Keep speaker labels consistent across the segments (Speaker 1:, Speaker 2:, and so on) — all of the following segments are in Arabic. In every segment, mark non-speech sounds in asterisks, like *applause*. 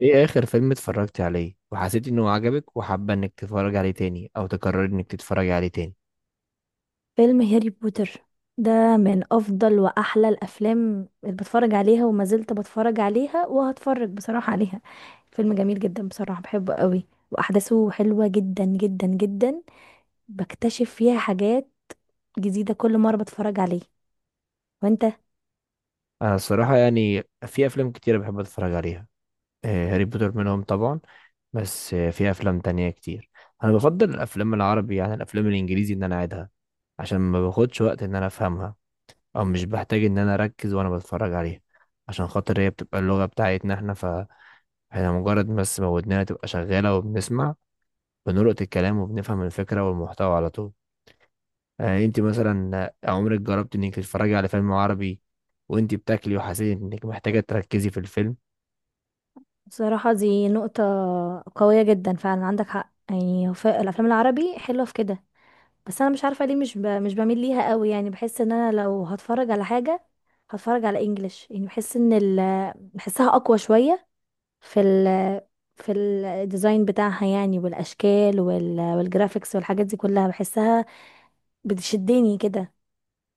Speaker 1: ايه اخر فيلم اتفرجت عليه وحسيت انه عجبك وحابه انك تتفرج عليه تاني او تقرر انك تتفرج عليه تاني؟
Speaker 2: فيلم هاري بوتر ده من افضل واحلى الافلام اللي بتفرج عليها وما زلت بتفرج عليها وهتفرج بصراحة عليها. فيلم جميل جدا بصراحة بحبه قوي واحداثه حلوة جدا جدا جدا. بكتشف فيها حاجات جديدة كل مرة بتفرج عليه. وانت؟
Speaker 1: انا الصراحه يعني في افلام كتير بحب اتفرج عليها. هاري بوتر منهم طبعا. بس في افلام تانية كتير. انا بفضل الافلام العربي عن الافلام الانجليزي ان انا اعيدها، عشان ما باخدش وقت ان انا افهمها، او مش بحتاج ان انا اركز وانا بتفرج عليها، عشان خاطر هي بتبقى اللغه بتاعتنا احنا، فاحنا مجرد بس ما ودننا تبقى شغاله وبنسمع، بنلقط الكلام وبنفهم الفكره والمحتوى على طول. يعني انت مثلا عمرك جربت انك تتفرجي على فيلم عربي وانت بتاكلي وحسيت انك محتاجه تركزي في الفيلم؟
Speaker 2: بصراحة دي نقطة قوية جدا فعلا عندك حق، يعني الافلام العربي حلوة في كده، بس انا مش عارفه ليه مش بميل ليها قوي، يعني بحس ان انا لو هتفرج على حاجه هتفرج على انجليش، يعني بحس بحسها اقوى شويه في ال... في الديزاين بتاعها يعني والاشكال والجرافيكس والحاجات دي كلها بحسها بتشدني كده.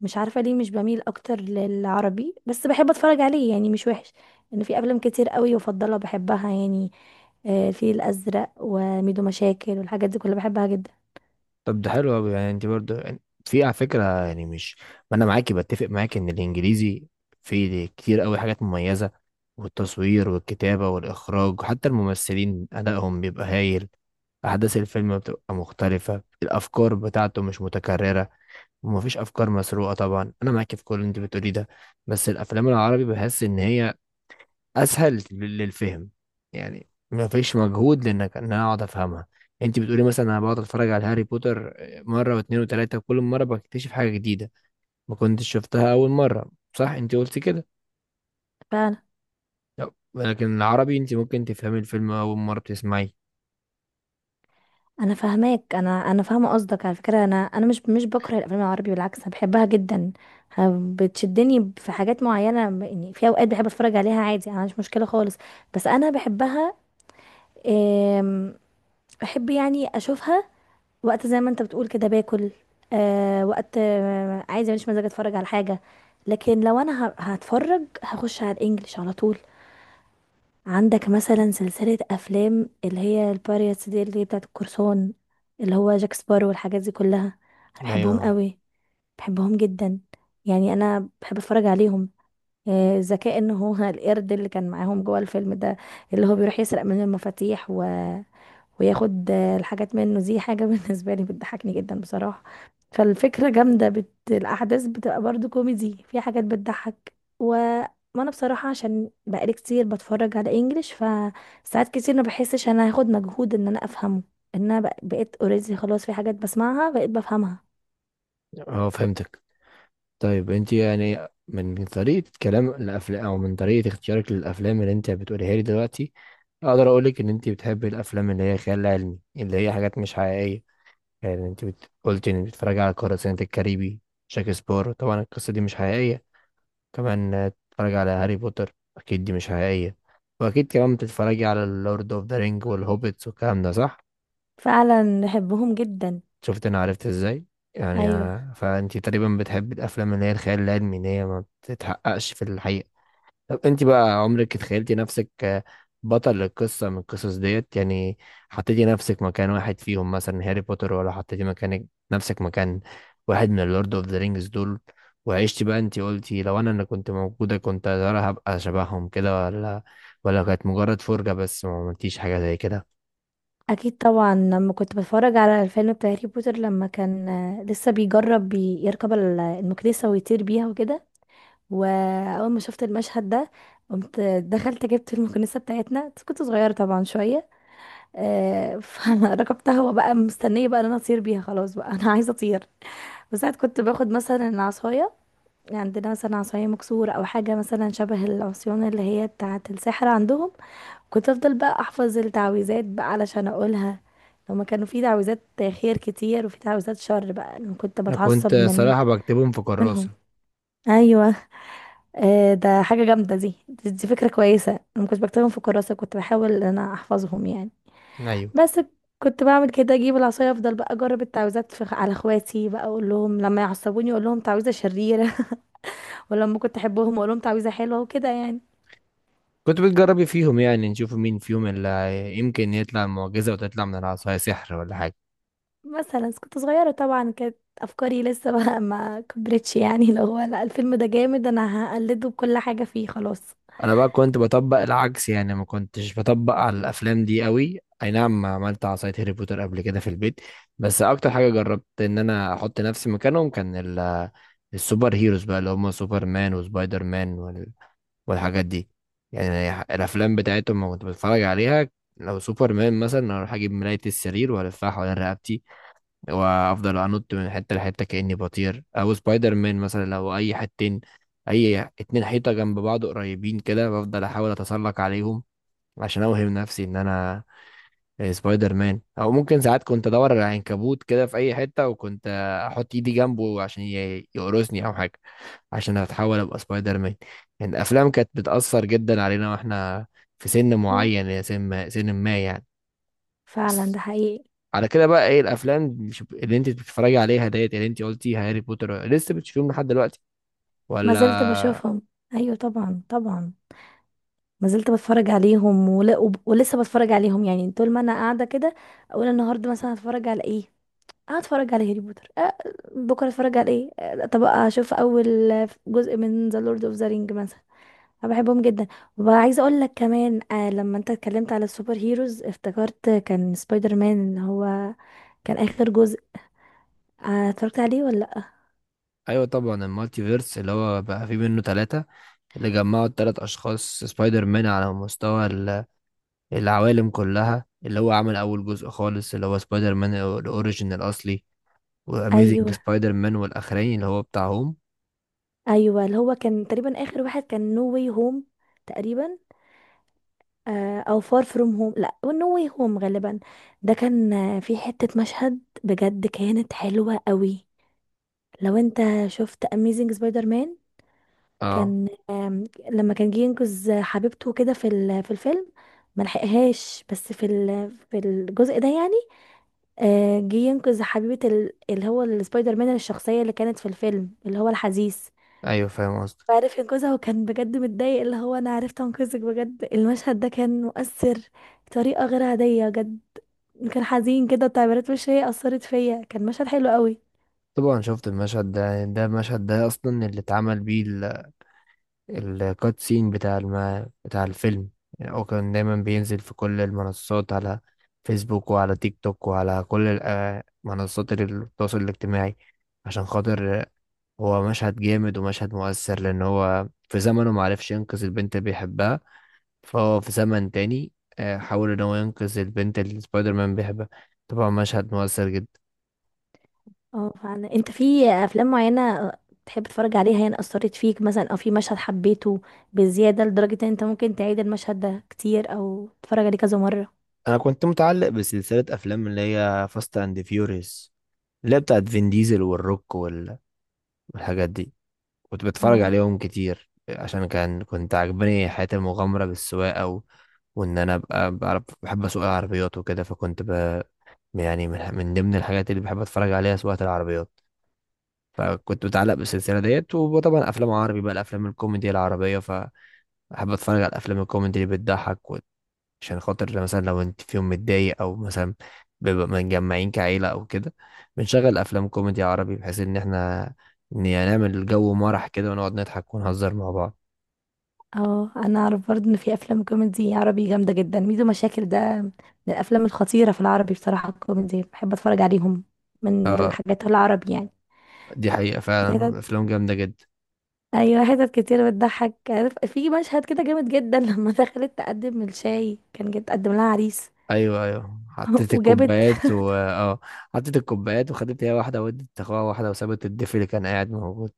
Speaker 2: مش عارفه ليه مش بميل اكتر للعربي، بس بحب اتفرج عليه يعني مش وحش، ان في افلام كتير قوي وافضلها بحبها يعني. آه، الفيل الازرق وميدو مشاكل والحاجات دي كلها بحبها جدا.
Speaker 1: طب ده حلو قوي. يعني انت برضه يعني في على فكره يعني مش، ما انا معاكي، بتفق معاكي ان الانجليزي فيه كتير قوي حاجات مميزه، والتصوير والكتابه والاخراج، وحتى الممثلين ادائهم بيبقى هايل. احداث الفيلم بتبقى مختلفه، الافكار بتاعته مش متكرره ومفيش افكار مسروقه. طبعا انا معاكي في كل اللي انت بتقوليه ده. بس الافلام العربي بحس ان هي اسهل للفهم، يعني ما فيش مجهود لانك ان انا اقعد افهمها. انت بتقولي مثلا انا بقعد اتفرج على هاري بوتر، مره واثنين وثلاثه، وكل مره بكتشف حاجه جديده ما كنتش شفتها اول مره. صح، انت قلتي كده.
Speaker 2: فعلا.
Speaker 1: لا، لكن العربي انت ممكن تفهمي الفيلم اول مره بتسمعيه.
Speaker 2: انا فاهماك، انا فاهمه قصدك، على فكره انا مش بكره الافلام العربي، بالعكس انا بحبها جدا. بتشدني في حاجات معينه، يعني في اوقات بحب اتفرج عليها عادي، انا مش مشكله خالص، بس انا بحبها. آم، بحب يعني اشوفها وقت زي ما انت بتقول كده باكل. وقت عايزه مش مزاج اتفرج على حاجه، لكن لو انا هتفرج هخش على الانجليش على طول. عندك مثلا سلسلة أفلام اللي هي الباريتس دي، اللي هي بتاعة القرصان اللي هو جاك سبارو والحاجات دي كلها، أنا
Speaker 1: ايوه.
Speaker 2: بحبهم قوي، بحبهم جدا، يعني أنا بحب أتفرج عليهم. ذكاء إن هو *laughs* القرد اللي كان معاهم جوه الفيلم ده، اللي هو بيروح يسرق من المفاتيح وياخد الحاجات منه، دي حاجة *laughs* بالنسبة لي بتضحكني جدا بصراحة. فالفكرة جامدة الأحداث بتبقى برضو كوميدي، في حاجات بتضحك و... وانا بصراحة عشان بقالي كتير بتفرج على انجليش، فساعات كتير ما بحسش انا هاخد مجهود ان انا افهمه، ان انا بقيت اوريدي خلاص، في حاجات بسمعها بقيت بفهمها.
Speaker 1: اه، فهمتك. طيب انت يعني من طريقه كلام الافلام او من طريقه اختيارك للافلام اللي انت بتقوليها لي دلوقتي، اقدر اقولك ان انت بتحبي الافلام اللي هي خيال علمي، اللي هي حاجات مش حقيقيه. يعني انت قلت انك بتتفرج على قراصنة الكاريبي، شكسبير طبعا القصة دي مش حقيقية. كمان بتتفرج على هاري بوتر، اكيد دي مش حقيقية. واكيد كمان بتتفرجي على اللورد اوف ذا رينج والهوبيتس والكلام ده، صح؟
Speaker 2: فعلا بحبهم جدا.
Speaker 1: شفت؟ انا عرفت ازاي. يعني
Speaker 2: ايوه،
Speaker 1: فانت تقريبا بتحبي الافلام اللي هي الخيال العلمي، اللي هي ما بتتحققش في الحقيقة. طب انت بقى عمرك اتخيلتي نفسك بطل القصة من القصص ديت يعني؟ حطيتي نفسك مكان واحد فيهم، مثلا هاري بوتر، ولا حطيتي مكانك، نفسك مكان واحد من اللورد اوف ذا رينجز دول، وعشتي بقى؟ انت قلتي لو انا اللي كنت موجودة كنت يا ترى هبقى شبههم كده، ولا كانت مجرد فرجة بس ما عملتيش حاجة زي كده؟
Speaker 2: اكيد طبعا. لما كنت بتفرج على الفيلم بتاع هاري بوتر، لما كان لسه بيجرب يركب المكنسة ويطير بيها وكده، واول ما شفت المشهد ده قمت دخلت جبت المكنسه بتاعتنا، بس كنت صغيره طبعا شويه. *laughs* فركبتها وبقى مستنيه بقى ان انا اطير بيها، خلاص بقى انا عايزه اطير. وساعات كنت باخد مثلا عصايه، عندنا مثلا عصايه مكسوره او حاجه مثلا شبه العصيان اللي هي بتاعه السحر عندهم، كنت افضل بقى احفظ التعويذات بقى علشان اقولها. لما كانوا في تعويذات خير كتير وفي تعويذات شر، بقى أنا كنت
Speaker 1: انا كنت
Speaker 2: بتعصب من
Speaker 1: صراحة بكتبهم في
Speaker 2: منهم.
Speaker 1: كراسة.
Speaker 2: ايوه، ده حاجة جامدة، دي فكرة كويسة، انا ما كنتش بكتبهم في كراسة، كنت بحاول ان انا احفظهم يعني.
Speaker 1: ايوه،
Speaker 2: بس كنت بعمل كده، اجيب العصاية افضل بقى اجرب التعويذات على اخواتي، بقى اقول لهم لما يعصبوني اقول لهم تعويذة شريرة، *laughs* ولما كنت احبهم اقول لهم تعويذة حلوة وكده يعني.
Speaker 1: كنت بتجربي فيهم يعني نشوف مين فيهم اللي يمكن يطلع معجزة وتطلع من العصاية سحر ولا حاجة.
Speaker 2: مثلا كنت صغيرة طبعا، كانت افكاري لسه بقى *laughs* ما كبرتش، يعني لو هو لا الفيلم ده جامد انا هقلده بكل حاجة فيه خلاص.
Speaker 1: انا بقى كنت بطبق العكس يعني، ما كنتش بطبق على الافلام دي قوي. اي نعم، عملت عصاية هاري بوتر قبل كده في البيت، بس اكتر حاجة جربت ان انا احط نفسي مكانهم كان السوبر هيروز بقى، اللي هم سوبر مان وسبايدر مان والحاجات دي. يعني الافلام بتاعتهم لما كنت بتفرج عليها، لو سوبر مان مثلا اروح اجيب ملاية السرير والفها حوالين رقبتي، وافضل انط من حته لحته كاني بطير. او سبايدر مان مثلا، لو اي حتتين، اي اتنين حيطه جنب بعض قريبين كده، بفضل احاول اتسلق عليهم عشان اوهم نفسي ان انا سبايدر مان. او ممكن ساعات كنت ادور على عنكبوت كده في اي حته، وكنت احط ايدي جنبه عشان يقرصني او حاجه، عشان اتحول ابقى سبايدر مان. يعني الافلام كانت بتاثر جدا علينا واحنا في سن
Speaker 2: مم.
Speaker 1: معين، يا سن ما، يعني.
Speaker 2: فعلا ده حقيقي.
Speaker 1: على كده بقى، ايه الافلام اللي اللي انت بتتفرجي عليها ديت، اللي انت قلتي هاري بوتر، لسه بتشوفيهم لحد دلوقتي
Speaker 2: ما
Speaker 1: ولا؟
Speaker 2: زلت بشوفهم، ايوه طبعا طبعا، ما زلت بتفرج عليهم ولسه بتفرج عليهم، يعني طول ما انا قاعده كده اقول النهارده مثلا هتفرج على ايه، اه اتفرج على هاري بوتر، أه بكره اتفرج على ايه، أه طب اشوف اول جزء من ذا لورد اوف ذا رينج مثلا، انا بحبهم جدا. وعايزه اقول لك كمان، آه لما انت اتكلمت على السوبر هيروز افتكرت كان سبايدر مان، اللي هو كان اخر جزء، آه اتفرجت عليه ولا لا؟
Speaker 1: ايوه، طبعا المالتي فيرس اللي هو بقى فيه منه ثلاثة، اللي جمعوا الثلاث اشخاص سبايدر مان على مستوى العوالم كلها. اللي هو عمل اول جزء خالص اللي هو سبايدر مان الاوريجين الاصلي، واميزنج
Speaker 2: ايوه
Speaker 1: سبايدر مان، والاخراني اللي هو بتاع هوم.
Speaker 2: ايوه، اللي هو كان تقريبا اخر واحد كان نو واي هوم تقريبا، او فار فروم هوم، لا نو واي هوم غالبا. ده كان، في حتة مشهد بجد كانت حلوة قوي، لو انت شفت اميزنج سبايدر مان،
Speaker 1: اه،
Speaker 2: كان لما كان جه ينقذ حبيبته كده في الفيلم ما لحقهاش، بس في الجزء ده يعني، جه ينقذ حبيبة اللي هو السبايدر مان، الشخصية اللي كانت في الفيلم اللي هو الحزيس،
Speaker 1: ايوه فاهم قصدك.
Speaker 2: وعرف ينقذها، وكان بجد متضايق اللي هو انا عرفت انقذك، بجد المشهد ده كان مؤثر بطريقة غير عادية بجد، كان حزين كده وتعبيرات وشي أثرت فيا، كان مشهد حلو قوي.
Speaker 1: طبعا شفت المشهد ده. المشهد ده اصلا اللي اتعمل بيه الكات سين بتاع بتاع الفيلم. يعني هو كان دايما بينزل في كل المنصات، على فيسبوك وعلى تيك توك وعلى كل منصات التواصل الاجتماعي، عشان خاطر هو مشهد جامد ومشهد مؤثر، لأن هو في زمنه معرفش ينقذ البنت اللي بيحبها، فهو في زمن تاني حاول إن هو ينقذ البنت اللي سبايدر مان بيحبها. طبعا مشهد مؤثر جدا.
Speaker 2: اه فعلا. انت في افلام معينة تحب تتفرج عليها يعني أثرت فيك، مثلا او في مشهد حبيته بزيادة لدرجة ان انت ممكن تعيد المشهد ده كتير او تتفرج عليه كذا مرة؟
Speaker 1: أنا كنت متعلق بسلسلة أفلام اللي هي فاست أند فيوريوس، اللي هي بتاعت فين ديزل والروك والحاجات دي. كنت بتفرج
Speaker 2: اه.
Speaker 1: عليهم كتير عشان كان كنت عجباني حياة المغامرة بالسواقة وإن أنا أبقى بعرف، بحب أسوق العربيات وكده، يعني من ضمن الحاجات اللي بحب أتفرج عليها سواقة العربيات، فكنت متعلق بالسلسلة ديت. وطبعا أفلام عربي بقى، الأفلام الكوميدي العربية، فأحب أتفرج على الأفلام الكوميدي اللي بتضحك، عشان خاطر مثلا لو انت في يوم متضايق او مثلا بيبقى متجمعين كعيلة او كده، بنشغل افلام كوميدي عربي بحيث ان احنا يعني نعمل جو مرح كده ونقعد نضحك ونهزر مع بعض.
Speaker 2: اه انا اعرف برضه ان في افلام كوميدي عربي جامده جدا، ميدو مشاكل ده من الافلام الخطيره في العربي بصراحه، الكوميدي بحب اتفرج عليهم من الحاجات العربي يعني.
Speaker 1: دي حقيقة،
Speaker 2: في حتت،
Speaker 1: فعلا افلام جامدة جدا.
Speaker 2: ايوه حتت كتير بتضحك، عارف في مشهد كده جامد جدا، *laughs* لما دخلت تقدم الشاي كان جت تقدم لها عريس.
Speaker 1: ايوه ايوه،
Speaker 2: *laughs*
Speaker 1: حطيت
Speaker 2: وجابت،
Speaker 1: الكوبايات، و حطيت الكوبايات وخدت هي واحدة، ودت اخوها واحدة، وسابت الضيف اللي كان قاعد موجود.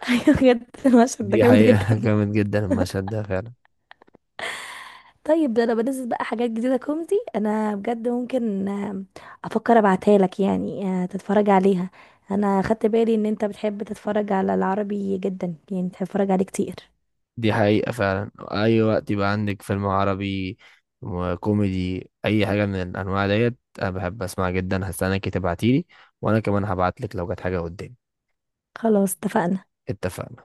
Speaker 2: *laughs* ايوه بجد المشهد ده
Speaker 1: دي
Speaker 2: جامد
Speaker 1: حقيقة *laughs*
Speaker 2: جدا.
Speaker 1: جامد جدا المشهد ده فعلا.
Speaker 2: طيب ده انا بنزل بقى حاجات جديده كوميدي، انا بجد ممكن افكر ابعتها لك يعني، تتفرج عليها. انا خدت بالي ان انت بتحب تتفرج على العربي جدا، يعني بتحب تتفرج عليه كتير.
Speaker 1: دي حقيقة فعلا. أي وقت يبقى عندك فيلم عربي وكوميدي، أي حاجة من الأنواع ديت، أنا بحب أسمعها جدا. هستناكي تبعتيلي، وأنا كمان هبعتلك لو جت حاجة قدامي.
Speaker 2: خلاص اتفقنا.
Speaker 1: اتفقنا.